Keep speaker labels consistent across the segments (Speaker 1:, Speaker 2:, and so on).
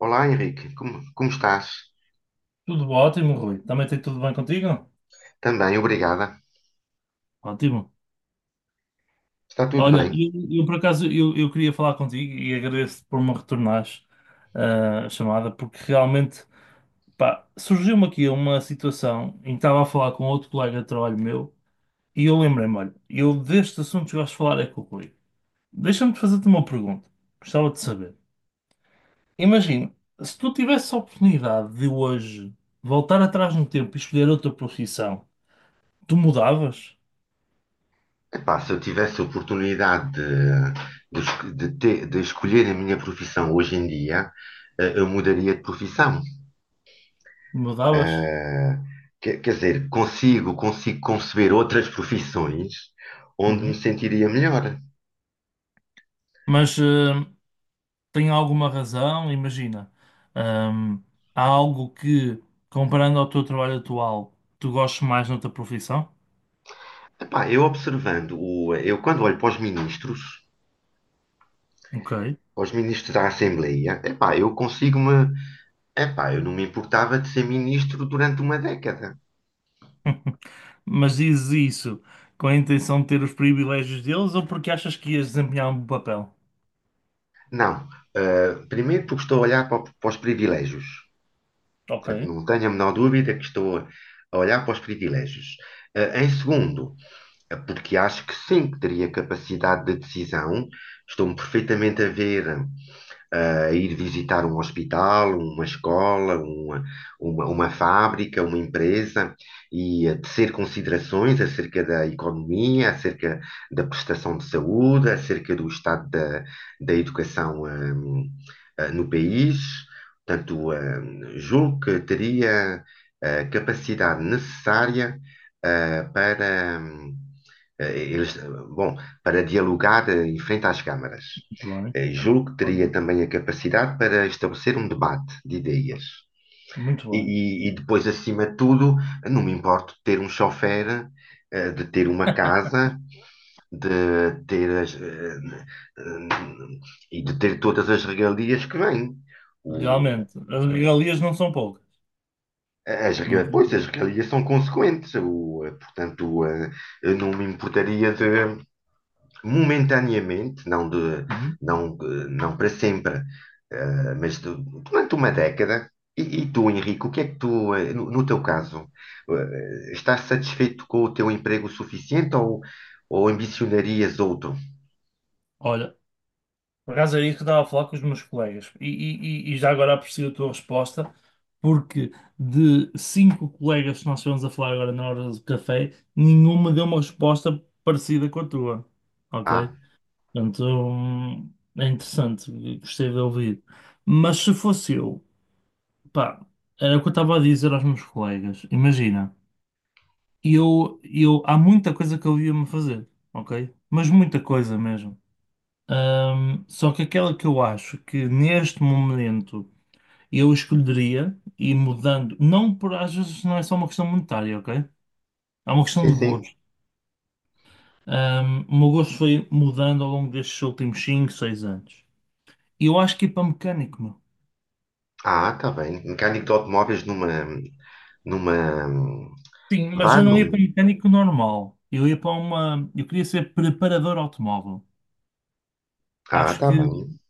Speaker 1: Olá Henrique, como estás?
Speaker 2: Tudo ótimo, Rui. Também tem tudo bem contigo?
Speaker 1: Também, obrigada.
Speaker 2: Ótimo.
Speaker 1: Está tudo
Speaker 2: Olha,
Speaker 1: bem?
Speaker 2: por acaso eu queria falar contigo e agradeço-te por me retornares a chamada, porque realmente pá, surgiu-me aqui uma situação em que estava a falar com outro colega de trabalho meu e eu lembrei-me, olha, eu destes assuntos que gosto de falar é com o Rui. Deixa-me fazer-te uma pergunta. Gostava de saber. Imagina, se tu tivesse a oportunidade de hoje voltar atrás no tempo e escolher outra profissão, tu mudavas?
Speaker 1: Epá, se eu tivesse a oportunidade de es- de ter- de escolher a minha profissão hoje em dia, eu mudaria de profissão.
Speaker 2: Mudavas?
Speaker 1: Eh, quer dizer, consigo conceber outras profissões onde me
Speaker 2: Uhum.
Speaker 1: sentiria melhor.
Speaker 2: Mas tem alguma razão, imagina. hum, há algo que, comparando ao teu trabalho atual, tu gostes mais noutra profissão?
Speaker 1: Epá, eu eu quando olho
Speaker 2: Ok.
Speaker 1: para os ministros da Assembleia, epá, eu consigo-me. Epá, eu não me importava de ser ministro durante uma década.
Speaker 2: Mas dizes isso com a intenção de ter os privilégios deles ou porque achas que ias desempenhar um bom papel?
Speaker 1: Não. Primeiro porque estou a olhar para os privilégios.
Speaker 2: Ok.
Speaker 1: Portanto, não tenho a menor dúvida que a olhar para os privilégios. Em segundo, porque acho que sim, que teria capacidade de decisão. Estou-me perfeitamente a ver a ir visitar um hospital, uma escola, uma fábrica, uma empresa e a tecer considerações acerca da economia, acerca da prestação de saúde, acerca do da educação. No país. Portanto, julgo que teria a capacidade necessária eh, para, hum, eh, eles, bom, para dialogar em frente às câmaras.
Speaker 2: Muito bem.
Speaker 1: Julgo que
Speaker 2: Olha.
Speaker 1: teria também a capacidade para estabelecer um debate de ideias.
Speaker 2: Muito
Speaker 1: E,
Speaker 2: bem.
Speaker 1: e depois, acima de tudo, não me importo de ter um chofer, de ter uma casa, de ter as, eh, e de ter todas as regalias que vêm. O,
Speaker 2: Realmente, as regalias não são poucas.
Speaker 1: As
Speaker 2: Não
Speaker 1: regras,
Speaker 2: são
Speaker 1: pois, as
Speaker 2: poucas.
Speaker 1: regalias são consequentes, portanto, eu não me importaria de, momentaneamente,
Speaker 2: Uhum.
Speaker 1: não para sempre, eh, mas de- durante uma década. E tu, Henrique, o que é que tu, no, no teu caso, estás satisfeito com o teu emprego suficiente ou ambicionarias outro?
Speaker 2: Olha. Por acaso era isso que eu estava a falar com os meus colegas. E, já agora aprecio a tua resposta, porque de cinco colegas que nós estivemos a falar agora na hora do café, nenhuma deu uma resposta parecida com a tua. Ok?
Speaker 1: Ah,
Speaker 2: Portanto, é interessante, gostei de ouvir. Mas se fosse eu, pá, era o que eu estava a dizer aos meus colegas. Imagina, há muita coisa que eu ia-me fazer, ok? Mas muita coisa mesmo. Só que aquela que eu acho que neste momento eu escolheria e mudando, não por às vezes não é só uma questão monetária, ok? É uma questão
Speaker 1: sim,
Speaker 2: de
Speaker 1: sim.
Speaker 2: gosto. O meu gosto foi mudando ao longo destes últimos 5 6 anos. E eu acho que ia para mecânico, meu.
Speaker 1: Ah, tá bem. Mecânico de automóveis numa,
Speaker 2: Sim, mas
Speaker 1: vá
Speaker 2: eu não ia para
Speaker 1: num,
Speaker 2: mecânico normal. Eu ia para uma. Eu queria ser preparador automóvel.
Speaker 1: ah,
Speaker 2: Acho
Speaker 1: tá
Speaker 2: que,
Speaker 1: bem.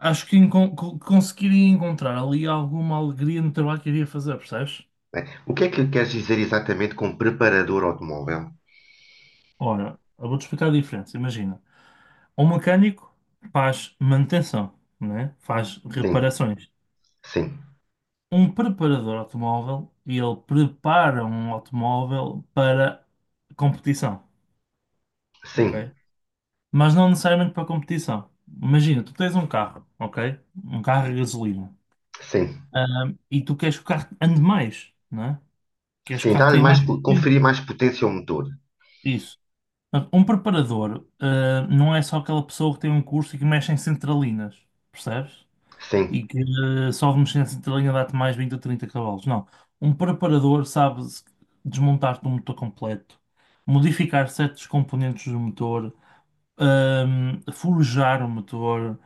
Speaker 2: acho que conseguiria encontrar ali alguma alegria no trabalho que iria fazer, percebes?
Speaker 1: Né? O que é que queres dizer exatamente com preparador automóvel?
Speaker 2: Ora, eu vou-te explicar a diferença. Imagina. Um mecânico faz manutenção, né? Faz
Speaker 1: Sim,
Speaker 2: reparações.
Speaker 1: sim,
Speaker 2: Um preparador automóvel, ele prepara um automóvel para competição,
Speaker 1: sim,
Speaker 2: ok? Mas não necessariamente para competição. Imagina, tu tens um carro, ok? Um carro a gasolina.
Speaker 1: sim,
Speaker 2: E tu queres que o carro ande mais, né? Queres que o
Speaker 1: sim.
Speaker 2: carro tenha mais
Speaker 1: Conferir
Speaker 2: potência.
Speaker 1: mais potência ao motor.
Speaker 2: Isso. Portanto, um preparador, não é só aquela pessoa que tem um curso e que mexe em centralinas, percebes?
Speaker 1: Sim.
Speaker 2: E que só uma mexer de linha dá-te mais 20 a 30 cavalos. Não. Um preparador sabe desmontar-te um motor completo, modificar certos componentes do motor, forjar o motor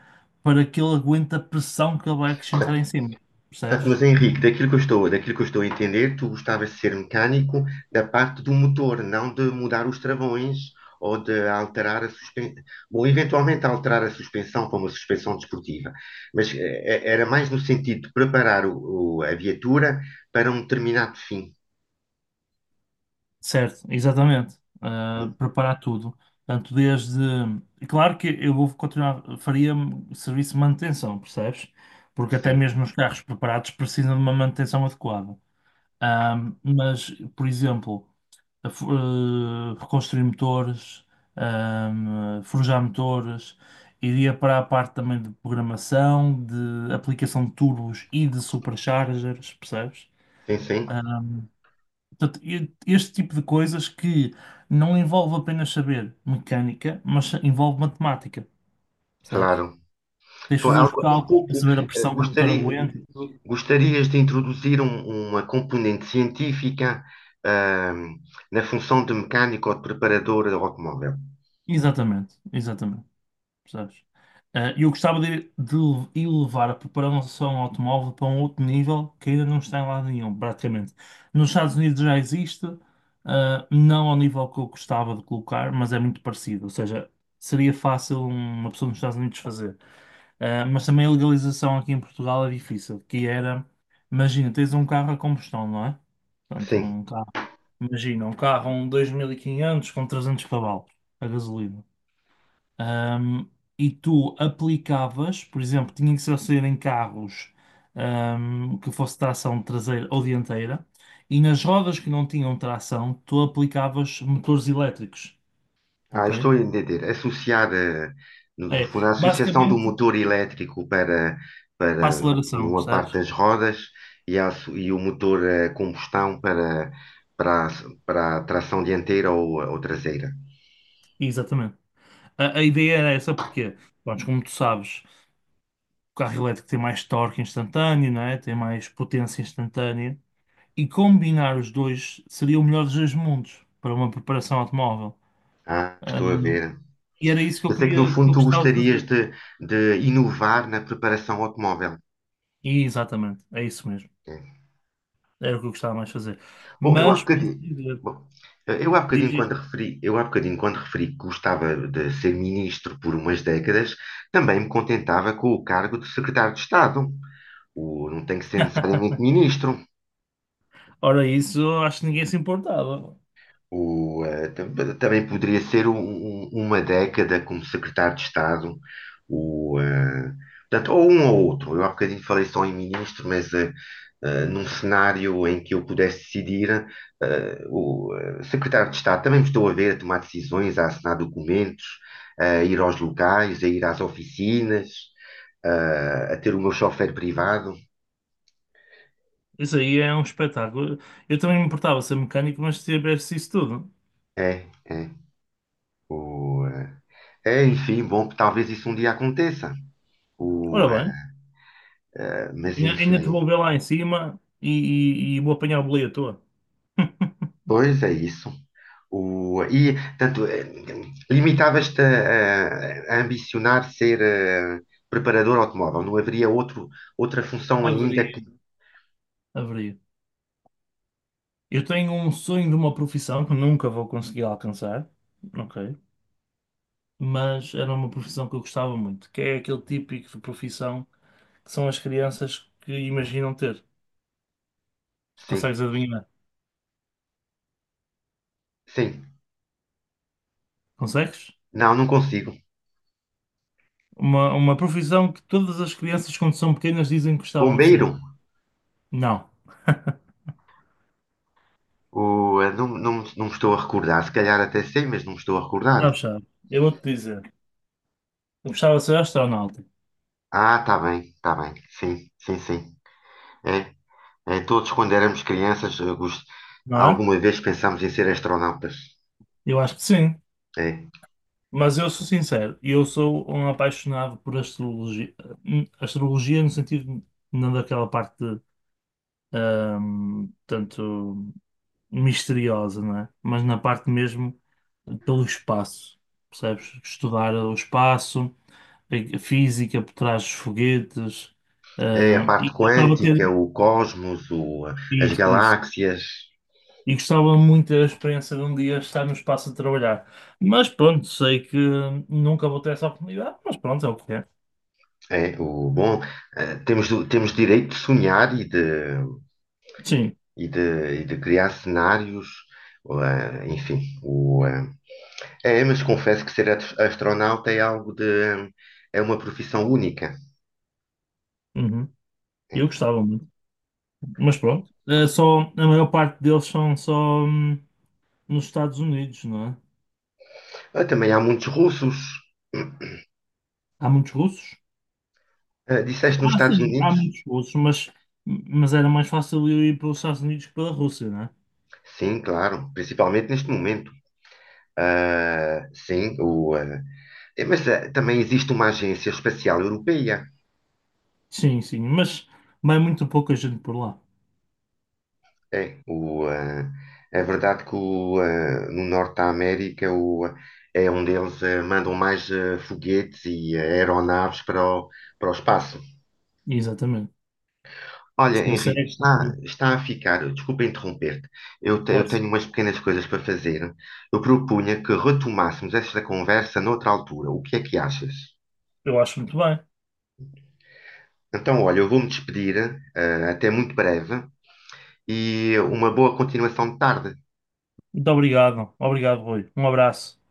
Speaker 2: para que ele aguente a pressão que ele vai acrescentar em cima.
Speaker 1: Portanto,
Speaker 2: Percebes?
Speaker 1: mas Henrique, daquilo que eu estou a entender, tu gostavas de ser mecânico da parte do motor, não de mudar os travões ou de alterar a suspensão. Bom, eventualmente alterar a suspensão para uma suspensão desportiva, mas era mais no sentido de preparar a viatura para um determinado fim.
Speaker 2: Certo, exatamente. Ah, preparar tudo. Portanto, desde. Claro que eu vou continuar, faria serviço de manutenção, percebes? Porque até
Speaker 1: Sim,
Speaker 2: mesmo os carros preparados precisam de uma manutenção adequada. Mas por exemplo, a reconstruir motores, forjar motores, iria para a parte também de programação, de aplicação de turbos e de superchargers, percebes?
Speaker 1: sim, sim,
Speaker 2: Ahm, portanto, este tipo de coisas que não envolve apenas saber mecânica, mas envolve matemática, percebes?
Speaker 1: claro.
Speaker 2: Tens de
Speaker 1: Então,
Speaker 2: fazer os
Speaker 1: agora um
Speaker 2: cálculos para
Speaker 1: pouco,
Speaker 2: saber a
Speaker 1: eh,
Speaker 2: pressão que o motor
Speaker 1: gostaria, go-
Speaker 2: aguenta e tudo.
Speaker 1: gostarias de introduzir uma componente científica, ahm, na função de mecânico ou de preparador de automóvel?
Speaker 2: Exatamente, exatamente. Percebes? Eu gostava de elevar a preparação automóvel para um outro nível que ainda não está em lado nenhum, praticamente. Nos Estados Unidos já existe, não ao nível que eu gostava de colocar, mas é muito parecido. Ou seja, seria fácil uma pessoa nos Estados Unidos fazer. Mas também a legalização aqui em Portugal é difícil, que era, imagina, tens um carro a combustão, não é? Portanto,
Speaker 1: Sim.
Speaker 2: um carro, imagina, um carro um 2500 com 300 cavalos a gasolina. Ahm, e tu aplicavas, por exemplo, tinha que ser ao sair em carros que fosse tração traseira ou dianteira, e nas rodas que não tinham tração, tu aplicavas motores elétricos,
Speaker 1: Ah,
Speaker 2: ok?
Speaker 1: estou a entender. Associar, no no
Speaker 2: É,
Speaker 1: fundo, a associação do
Speaker 2: basicamente
Speaker 1: motor elétrico para,
Speaker 2: para
Speaker 1: para, no fundo,
Speaker 2: aceleração,
Speaker 1: uma parte
Speaker 2: percebes?
Speaker 1: das rodas e, e o motor a combustão para, a- para a tração dianteira ou traseira.
Speaker 2: Exatamente. A ideia era essa porque, pronto, como tu sabes, o carro elétrico tem mais torque instantâneo, não é? Tem mais potência instantânea, e combinar os dois seria o melhor dos dois mundos para uma preparação automóvel.
Speaker 1: Ah, estou a ver.
Speaker 2: E era isso que
Speaker 1: Eu
Speaker 2: eu
Speaker 1: sei que no
Speaker 2: queria, que
Speaker 1: fundo
Speaker 2: eu
Speaker 1: tu
Speaker 2: gostava de
Speaker 1: gostarias
Speaker 2: fazer.
Speaker 1: de inovar na preparação automóvel.
Speaker 2: E exatamente, é isso mesmo.
Speaker 1: É.
Speaker 2: Era o que eu gostava mais de fazer.
Speaker 1: Bom, eu há
Speaker 2: Mas, posso
Speaker 1: bocadinho,
Speaker 2: dizer,
Speaker 1: bom, eu há bocadinho
Speaker 2: diz,
Speaker 1: quando
Speaker 2: isto.
Speaker 1: referi, eu há bocadinho quando referi que gostava de ser ministro por umas décadas, também me contentava com o cargo de secretário de Estado. Não tem que ser necessariamente ministro.
Speaker 2: Ora, isso eu acho que ninguém se importava.
Speaker 1: O, eh, tam- Também poderia ser uma década como secretário de Estado, o, eh, portanto, ou um ou outro. Eu há bocadinho falei só em ministro, mas num cenário em que eu pudesse decidir, eh, o secretário de Estado também me estou a ver a tomar decisões, a assinar documentos, a ir aos locais, a ir às oficinas, a ter o meu chofer privado.
Speaker 2: Isso aí é um espetáculo. Eu também me importava ser mecânico, mas se tivesse isso tudo.
Speaker 1: É, é. O, eh, É, enfim, bom, talvez isso um dia aconteça.
Speaker 2: Ora
Speaker 1: O,
Speaker 2: bem,
Speaker 1: Mas
Speaker 2: ainda te
Speaker 1: enfim,
Speaker 2: vou ver lá em cima e, e vou apanhar o boleio à toa.
Speaker 1: pois é isso. E, tanto, limitavas-te a ambicionar ser preparador automóvel, não haveria outro, outra função ainda que.
Speaker 2: Abrir, abrir. Eu tenho um sonho de uma profissão que nunca vou conseguir alcançar, ok? Mas era uma profissão que eu gostava muito, que é aquele típico de profissão, que são as crianças que imaginam ter.
Speaker 1: Sim,
Speaker 2: Consegues adivinhar?
Speaker 1: sim.
Speaker 2: Consegues?
Speaker 1: Não, não consigo.
Speaker 2: Uma profissão que todas as crianças, quando são pequenas, dizem que gostavam de ser.
Speaker 1: Bombeiro?
Speaker 2: Não.
Speaker 1: Não, não, não me estou a recordar. Se calhar até sei, mas não me estou a recordar.
Speaker 2: Sabes, sabes. Eu vou-te dizer. Eu gostava de ser astronauta,
Speaker 1: Ah, tá bem, tá bem. Sim, sim, sim. É, é, todos quando éramos crianças,
Speaker 2: não é?
Speaker 1: alguma vez pensámos em ser astronautas.
Speaker 2: Eu acho que sim.
Speaker 1: É.
Speaker 2: Mas eu sou sincero. Eu sou um apaixonado por astrologia. Astrologia no sentido não daquela parte, tanto misteriosa, não é? Mas na parte mesmo pelo espaço, percebes? Estudar o espaço, a física por trás dos foguetes,
Speaker 1: É a
Speaker 2: ah,
Speaker 1: parte
Speaker 2: e gostava de
Speaker 1: quântica,
Speaker 2: ter
Speaker 1: o cosmos, as
Speaker 2: isso, isso.
Speaker 1: galáxias,
Speaker 2: E gostava muito da experiência de um dia estar no espaço a trabalhar. Mas pronto, sei que nunca vou ter essa oportunidade, mas pronto, é o que é.
Speaker 1: é o bom. Temos, temos direito de sonhar e de,
Speaker 2: Sim,
Speaker 1: e de, e de criar cenários, enfim. É, mas confesso que ser astronauta é algo de, é uma profissão única.
Speaker 2: uhum. Eu
Speaker 1: É.
Speaker 2: gostava muito. Mas pronto, é só, a maior parte deles são só nos Estados Unidos, não é?
Speaker 1: Ah, também há muitos russos.
Speaker 2: Há muitos russos?
Speaker 1: Disseste nos
Speaker 2: Ah,
Speaker 1: Estados
Speaker 2: sim, há
Speaker 1: Unidos?
Speaker 2: muitos russos, mas era mais fácil eu ir para os Estados Unidos que pela Rússia, não é?
Speaker 1: Sim, claro, principalmente neste momento. Ah, sim, o, ah, eh, É, mas também existe uma agência espacial europeia.
Speaker 2: Sim, sim, mas vai muito pouca gente por lá.
Speaker 1: É, o, ah, É verdade que no Norte da América é onde eles mandam mais foguetes e aeronaves para o espaço.
Speaker 2: Exatamente.
Speaker 1: Olha,
Speaker 2: Se der
Speaker 1: Henrique,
Speaker 2: certo,
Speaker 1: está,
Speaker 2: tudo,
Speaker 1: está a ficar, desculpa interromper-te, eu
Speaker 2: força.
Speaker 1: tenho umas pequenas coisas para fazer. Eu propunha que retomássemos esta conversa noutra altura. O que é que achas?
Speaker 2: Eu acho muito bem.
Speaker 1: Então, olha, eu vou-me despedir, até muito breve e uma boa continuação de tarde.
Speaker 2: Muito obrigado. Obrigado, Rui. Um abraço.